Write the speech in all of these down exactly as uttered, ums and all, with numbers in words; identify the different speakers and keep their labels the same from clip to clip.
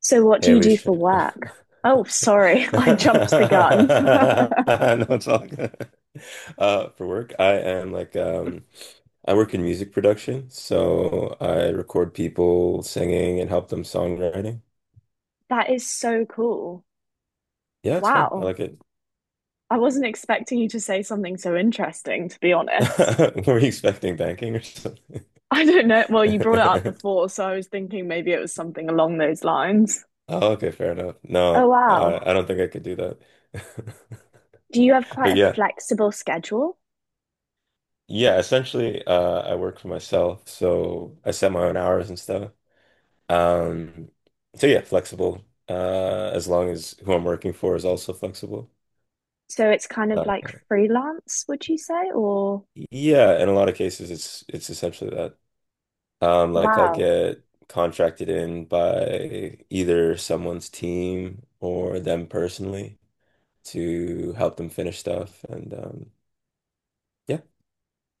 Speaker 1: So, what do
Speaker 2: Hey,
Speaker 1: you do
Speaker 2: Alicia.
Speaker 1: for work? Oh, sorry, I jumped the gun.
Speaker 2: No, it's all good. Uh, for work, I am like um, I work in music production, so I record people singing and help them songwriting.
Speaker 1: That is so cool.
Speaker 2: Yeah, it's fun. I
Speaker 1: Wow.
Speaker 2: like it.
Speaker 1: I wasn't expecting you to say something so interesting, to be honest.
Speaker 2: Were you expecting banking or something?
Speaker 1: I don't know. Well, you brought it up before, so I was thinking maybe it was something along those lines.
Speaker 2: Oh, okay, fair enough.
Speaker 1: Oh,
Speaker 2: No, I,
Speaker 1: wow.
Speaker 2: I don't think I could do that.
Speaker 1: Do you have quite
Speaker 2: But
Speaker 1: a
Speaker 2: yeah,
Speaker 1: flexible schedule?
Speaker 2: yeah. Essentially, uh, I work for myself, so I set my own hours and stuff. Um, so yeah, flexible. Uh, as long as who I'm working for is also flexible.
Speaker 1: So it's kind of
Speaker 2: Uh,
Speaker 1: like freelance, would you say? Or
Speaker 2: yeah, in a lot of cases, it's it's essentially that. Um, like I'll
Speaker 1: wow.
Speaker 2: get contracted in by either someone's team or them personally to help them finish stuff, and um, yeah.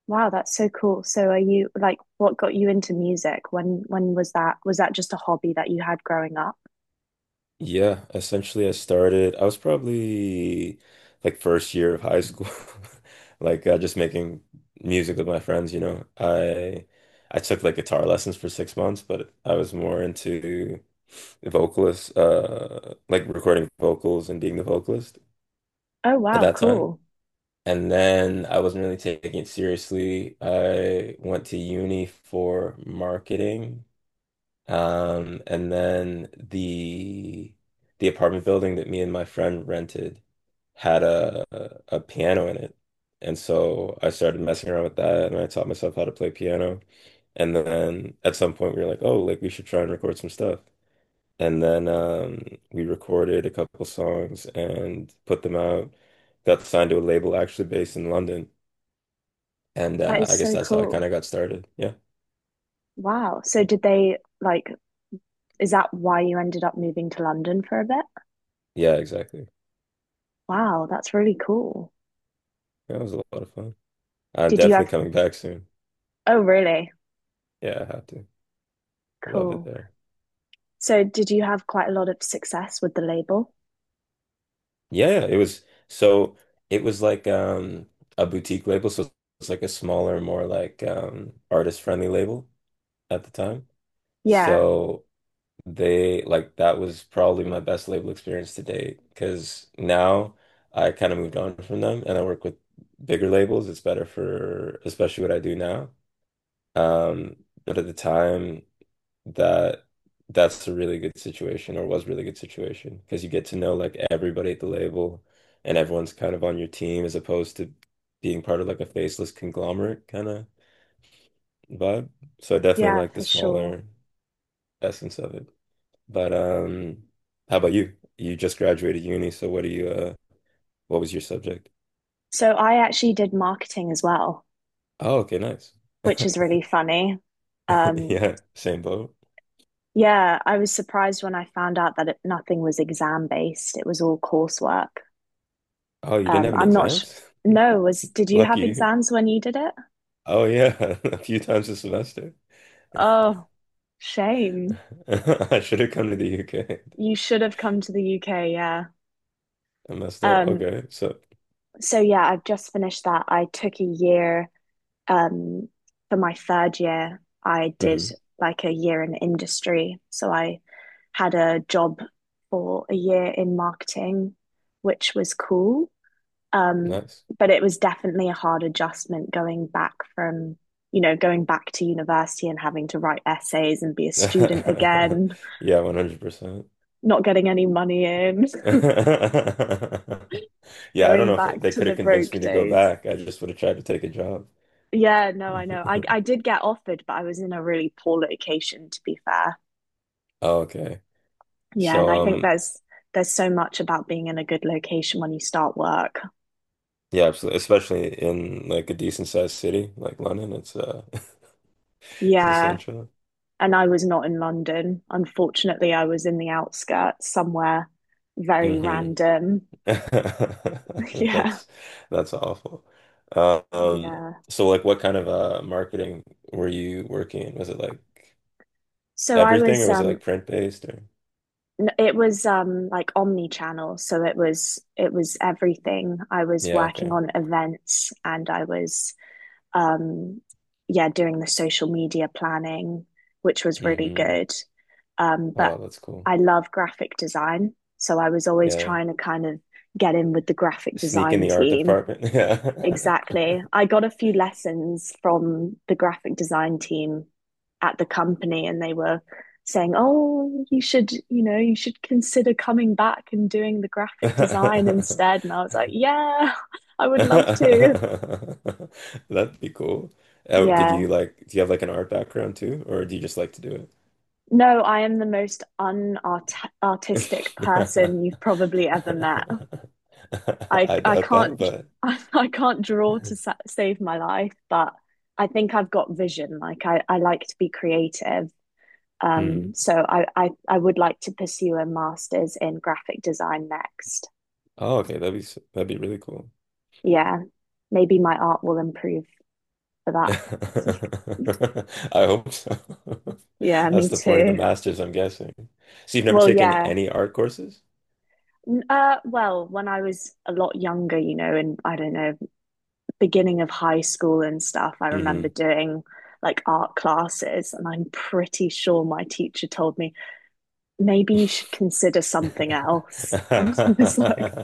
Speaker 1: Wow, that's so cool. So are you like what got you into music? When when was that? Was that just a hobby that you had growing up?
Speaker 2: Yeah, essentially I started, I was probably like first year of high school, like uh, just making music with my friends, you know. I I took like guitar lessons for six months, but I was more into vocalist, uh, like recording vocals and being the vocalist
Speaker 1: Oh
Speaker 2: at
Speaker 1: wow,
Speaker 2: that time.
Speaker 1: cool.
Speaker 2: And then I wasn't really taking it seriously. I went to uni for marketing, um, and then the the apartment building that me and my friend rented had a a piano in it. And so I started messing around with that and I taught myself how to play piano. And then at some point we were like, oh, like we should try and record some stuff. And then um, we recorded a couple songs and put them out. Got signed to a label actually based in London. And
Speaker 1: That
Speaker 2: uh,
Speaker 1: is
Speaker 2: I guess
Speaker 1: so
Speaker 2: that's how I kind
Speaker 1: cool.
Speaker 2: of got started. Yeah.
Speaker 1: Wow. So did they like is that why you ended up moving to London for a bit?
Speaker 2: Yeah, exactly.
Speaker 1: Wow, that's really cool.
Speaker 2: That was a lot of fun. I'm
Speaker 1: Did you
Speaker 2: definitely
Speaker 1: have?
Speaker 2: coming back soon.
Speaker 1: Oh really?
Speaker 2: Yeah, I have to. Love it
Speaker 1: Cool.
Speaker 2: there.
Speaker 1: So did you have quite a lot of success with the label?
Speaker 2: Yeah, it was so it was like um a boutique label, so it's like a smaller, more like um artist friendly label at the time.
Speaker 1: Yeah.
Speaker 2: So they like that was probably my best label experience to date because now I kind of moved on from them and I work with bigger labels. It's better for especially what I do now. Um, but at the time that that's a really good situation or was really good situation because you get to know like everybody at the label and everyone's kind of on your team as opposed to being part of like a faceless conglomerate kind of vibe. So I definitely
Speaker 1: Yeah,
Speaker 2: like the
Speaker 1: for sure.
Speaker 2: smaller essence of it. But um how about you? You just graduated uni, so what do you uh what was your subject?
Speaker 1: So I actually did marketing as well,
Speaker 2: Oh, okay, nice.
Speaker 1: which is really funny. Um
Speaker 2: Yeah, same boat.
Speaker 1: Yeah, I was surprised when I found out that it, nothing was exam based. It was all coursework.
Speaker 2: Oh, you didn't
Speaker 1: Um,
Speaker 2: have any
Speaker 1: I'm not sh
Speaker 2: exams?
Speaker 1: No, was did you
Speaker 2: Lucky
Speaker 1: have
Speaker 2: you.
Speaker 1: exams when you did it?
Speaker 2: Oh yeah, a few times a semester.
Speaker 1: Oh, shame.
Speaker 2: I should have come to the U K.
Speaker 1: You should have come to the U K, yeah.
Speaker 2: I messed up.
Speaker 1: Um,
Speaker 2: Okay, so
Speaker 1: so yeah, I've just finished that. I took a year um for my third year. I did
Speaker 2: hmm
Speaker 1: like a year in industry. So I had a job for a year in marketing, which was cool. Um,
Speaker 2: nice.
Speaker 1: but it was definitely a hard adjustment going back from, you know, going back to university and having to write essays and be a student again,
Speaker 2: Yeah, one hundred percent.
Speaker 1: not getting any money in,
Speaker 2: Yeah, I don't
Speaker 1: going
Speaker 2: know if
Speaker 1: back
Speaker 2: they
Speaker 1: to
Speaker 2: could
Speaker 1: the
Speaker 2: have convinced
Speaker 1: broke
Speaker 2: me to go
Speaker 1: days.
Speaker 2: back. I just would have tried to take a job.
Speaker 1: Yeah, no, I know. I, I did get offered, but I was in a really poor location, to be fair.
Speaker 2: Oh, okay.
Speaker 1: Yeah, and
Speaker 2: So
Speaker 1: I think
Speaker 2: um
Speaker 1: there's there's so much about being in a good location when you start work.
Speaker 2: yeah, absolutely. Especially in like a decent sized city like London, it's uh it's
Speaker 1: Yeah,
Speaker 2: essential.
Speaker 1: and I was not in London. Unfortunately, I was in the outskirts somewhere very
Speaker 2: Hmm
Speaker 1: random. Yeah.
Speaker 2: That's that's awful. Uh, Um,
Speaker 1: Yeah.
Speaker 2: so like what kind of uh marketing were you working in? Was it like
Speaker 1: So I
Speaker 2: everything or
Speaker 1: was
Speaker 2: was it
Speaker 1: um
Speaker 2: like print based or
Speaker 1: n- it was um like omni-channel, so it was it was everything. I was
Speaker 2: yeah,
Speaker 1: working
Speaker 2: okay.
Speaker 1: on events and I was um yeah, doing the social media planning, which was really
Speaker 2: hmm
Speaker 1: good. Um, but
Speaker 2: Oh, that's cool.
Speaker 1: I love graphic design, so I was always
Speaker 2: Yeah.
Speaker 1: trying to kind of get in with the graphic
Speaker 2: Sneak in
Speaker 1: design
Speaker 2: the art
Speaker 1: team.
Speaker 2: department. Yeah.
Speaker 1: Exactly. I got a few lessons from the graphic design team at the company, and they were saying, "Oh, you should, you know, you should consider coming back and doing the graphic design instead." And I was like, "Yeah, I would love to."
Speaker 2: That'd be cool. Uh, did
Speaker 1: Yeah.
Speaker 2: you like do you have like an art background too, or do you just like to do
Speaker 1: No, I am the most unart artistic
Speaker 2: it?
Speaker 1: person you've probably ever met. I
Speaker 2: I
Speaker 1: I
Speaker 2: doubt that,
Speaker 1: can't,
Speaker 2: but
Speaker 1: I, I can't draw to sa save my life, but I think I've got vision. Like I, I like to be creative.
Speaker 2: Mm.
Speaker 1: Um, so I, I I would like to pursue a master's in graphic design next.
Speaker 2: Oh, okay. That'd be s- that'd be really cool.
Speaker 1: Yeah, maybe my art will improve for that.
Speaker 2: I hope so.
Speaker 1: Yeah, me
Speaker 2: That's the point of the
Speaker 1: too.
Speaker 2: master's, I'm guessing. So you've never
Speaker 1: Well,
Speaker 2: taken
Speaker 1: yeah.
Speaker 2: any art courses?
Speaker 1: Uh, well, when I was a lot younger, you know, in I don't know, beginning of high school and stuff, I remember
Speaker 2: Hmm
Speaker 1: doing like art classes, and I'm pretty sure my teacher told me, maybe you should consider something else. And I was like,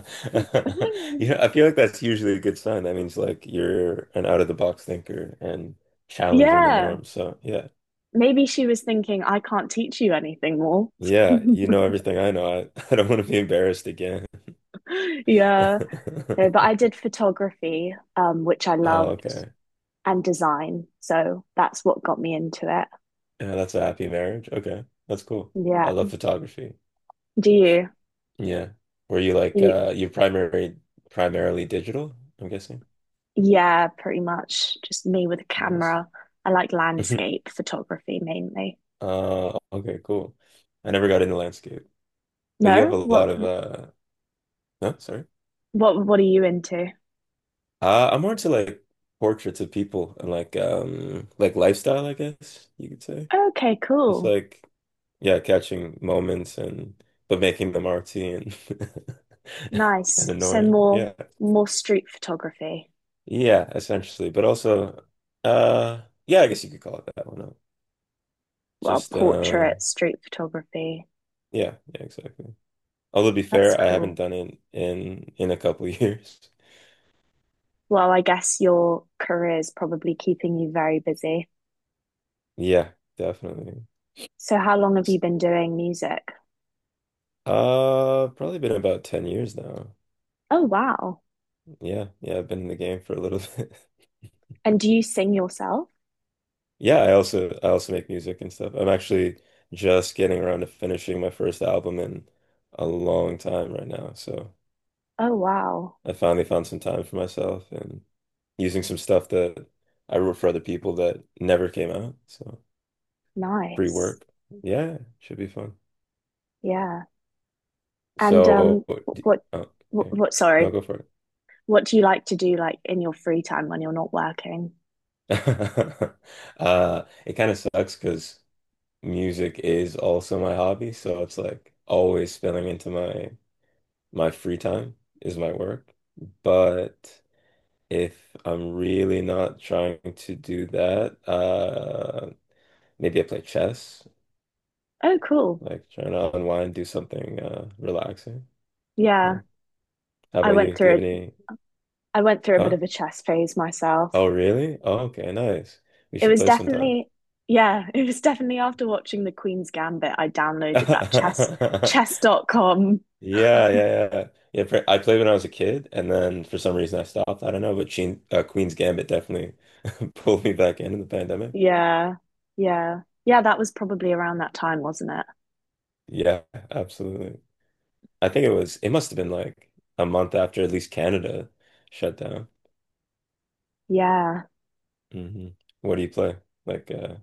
Speaker 2: You know, I feel like that's usually a good sign. That means like you're an out of the box thinker and challenging the
Speaker 1: yeah,
Speaker 2: norm. So yeah,
Speaker 1: maybe she was thinking, I can't teach you anything more.
Speaker 2: yeah, you know everything I know. I, I don't want to be embarrassed again.
Speaker 1: Yeah. No, but I did photography, um, which I
Speaker 2: Oh,
Speaker 1: loved,
Speaker 2: okay.
Speaker 1: and design. So that's what got me into it.
Speaker 2: Yeah, that's a happy marriage. Okay. That's cool. I
Speaker 1: Yeah.
Speaker 2: love photography.
Speaker 1: Do you?
Speaker 2: Yeah. Were you like
Speaker 1: you
Speaker 2: uh you primary primarily digital, I'm guessing?
Speaker 1: yeah, pretty much. Just me with a
Speaker 2: Nice.
Speaker 1: camera. I like landscape photography mainly.
Speaker 2: Uh okay, cool. I never got into landscape. But you have
Speaker 1: No?
Speaker 2: a lot
Speaker 1: What
Speaker 2: of uh no, sorry.
Speaker 1: what what are you into?
Speaker 2: Uh I'm more into like portraits of people and like um like lifestyle, I guess you could say.
Speaker 1: Okay,
Speaker 2: It's
Speaker 1: cool.
Speaker 2: like yeah, catching moments and but making them artsy and and
Speaker 1: Nice. So
Speaker 2: annoying.
Speaker 1: more
Speaker 2: Yeah.
Speaker 1: more street photography.
Speaker 2: Yeah, essentially. But also, uh, yeah, I guess you could call it that one up.
Speaker 1: Well,
Speaker 2: Just,
Speaker 1: portrait
Speaker 2: um,
Speaker 1: street photography.
Speaker 2: yeah, yeah, exactly. Although to be
Speaker 1: That's
Speaker 2: fair, I haven't
Speaker 1: cool.
Speaker 2: done it in in a couple years.
Speaker 1: Well, I guess your career is probably keeping you very busy.
Speaker 2: Yeah, definitely.
Speaker 1: So, how long have
Speaker 2: S-
Speaker 1: you been doing music?
Speaker 2: Uh, probably been about ten years now.
Speaker 1: Oh, wow.
Speaker 2: Yeah, yeah, I've been in the game for a little bit.
Speaker 1: And do you sing yourself?
Speaker 2: Yeah, I also I also make music and stuff. I'm actually just getting around to finishing my first album in a long time right now. So
Speaker 1: Oh, wow.
Speaker 2: I finally found some time for myself and using some stuff that I wrote for other people that never came out. So free
Speaker 1: Nice.
Speaker 2: work. Yeah, should be fun.
Speaker 1: Yeah. And um,
Speaker 2: So, d-
Speaker 1: what,
Speaker 2: oh,
Speaker 1: what,
Speaker 2: okay.
Speaker 1: what,
Speaker 2: No,
Speaker 1: sorry,
Speaker 2: go for it.
Speaker 1: what do you like to do like in your free time when you're not working?
Speaker 2: Uh, it kind of sucks because music is also my hobby, so it's like always spilling into my my free time is my work. But if I'm really not trying to do that, uh, maybe I play chess.
Speaker 1: Oh, cool.
Speaker 2: Like trying to unwind, do something uh relaxing. You
Speaker 1: Yeah.
Speaker 2: know, how
Speaker 1: I
Speaker 2: about
Speaker 1: went
Speaker 2: you? Do you
Speaker 1: through
Speaker 2: have
Speaker 1: a,
Speaker 2: any?
Speaker 1: I went through a bit
Speaker 2: Huh?
Speaker 1: of a chess phase myself.
Speaker 2: Oh, really? Oh, okay, nice. We
Speaker 1: It
Speaker 2: should
Speaker 1: was
Speaker 2: play sometime.
Speaker 1: definitely, yeah, it was definitely after watching The Queen's Gambit, I downloaded that chess chess dot com.
Speaker 2: Yeah, yeah, yeah. Yeah, pr- I played when I was a kid, and then for some reason I stopped. I don't know, but Sheen, uh, Queen's Gambit definitely pulled me back in in the pandemic.
Speaker 1: Yeah. Yeah. Yeah, that was probably around that time, wasn't it?
Speaker 2: Yeah, absolutely. I think it was, it must have been like a month after at least Canada shut down.
Speaker 1: Yeah.
Speaker 2: Hmm What do you play? Like, uh,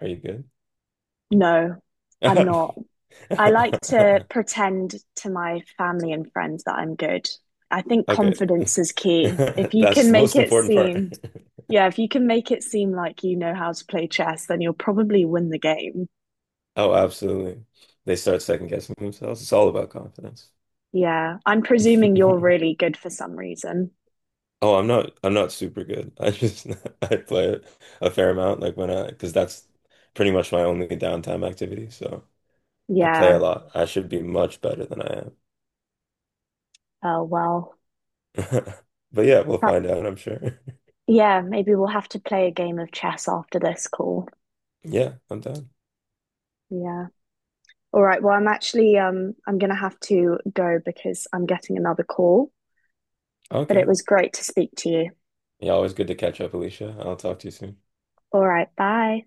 Speaker 2: are you
Speaker 1: No, I'm not. I like to
Speaker 2: good?
Speaker 1: pretend to my family and friends that I'm good. I think
Speaker 2: Okay.
Speaker 1: confidence is key. If you
Speaker 2: That's
Speaker 1: can
Speaker 2: the
Speaker 1: make
Speaker 2: most
Speaker 1: it
Speaker 2: important part.
Speaker 1: seem. Yeah, if you can make it seem like you know how to play chess, then you'll probably win the game.
Speaker 2: Oh, absolutely. They start second guessing themselves. It's all about confidence.
Speaker 1: Yeah, I'm presuming you're really good for some reason.
Speaker 2: Oh, I'm not I'm not super good. I just I play a fair amount like when I because that's pretty much my only downtime activity. So I play
Speaker 1: Yeah,
Speaker 2: a lot. I should be much better than I am.
Speaker 1: oh well.
Speaker 2: But yeah, we'll
Speaker 1: But
Speaker 2: find out, I'm sure.
Speaker 1: yeah, maybe we'll have to play a game of chess after this call.
Speaker 2: Yeah, I'm done.
Speaker 1: Yeah. All right, well, I'm actually um I'm gonna have to go because I'm getting another call, but it
Speaker 2: Okay.
Speaker 1: was great to speak to you.
Speaker 2: Yeah, always good to catch up, Alicia. I'll talk to you soon.
Speaker 1: All right, bye.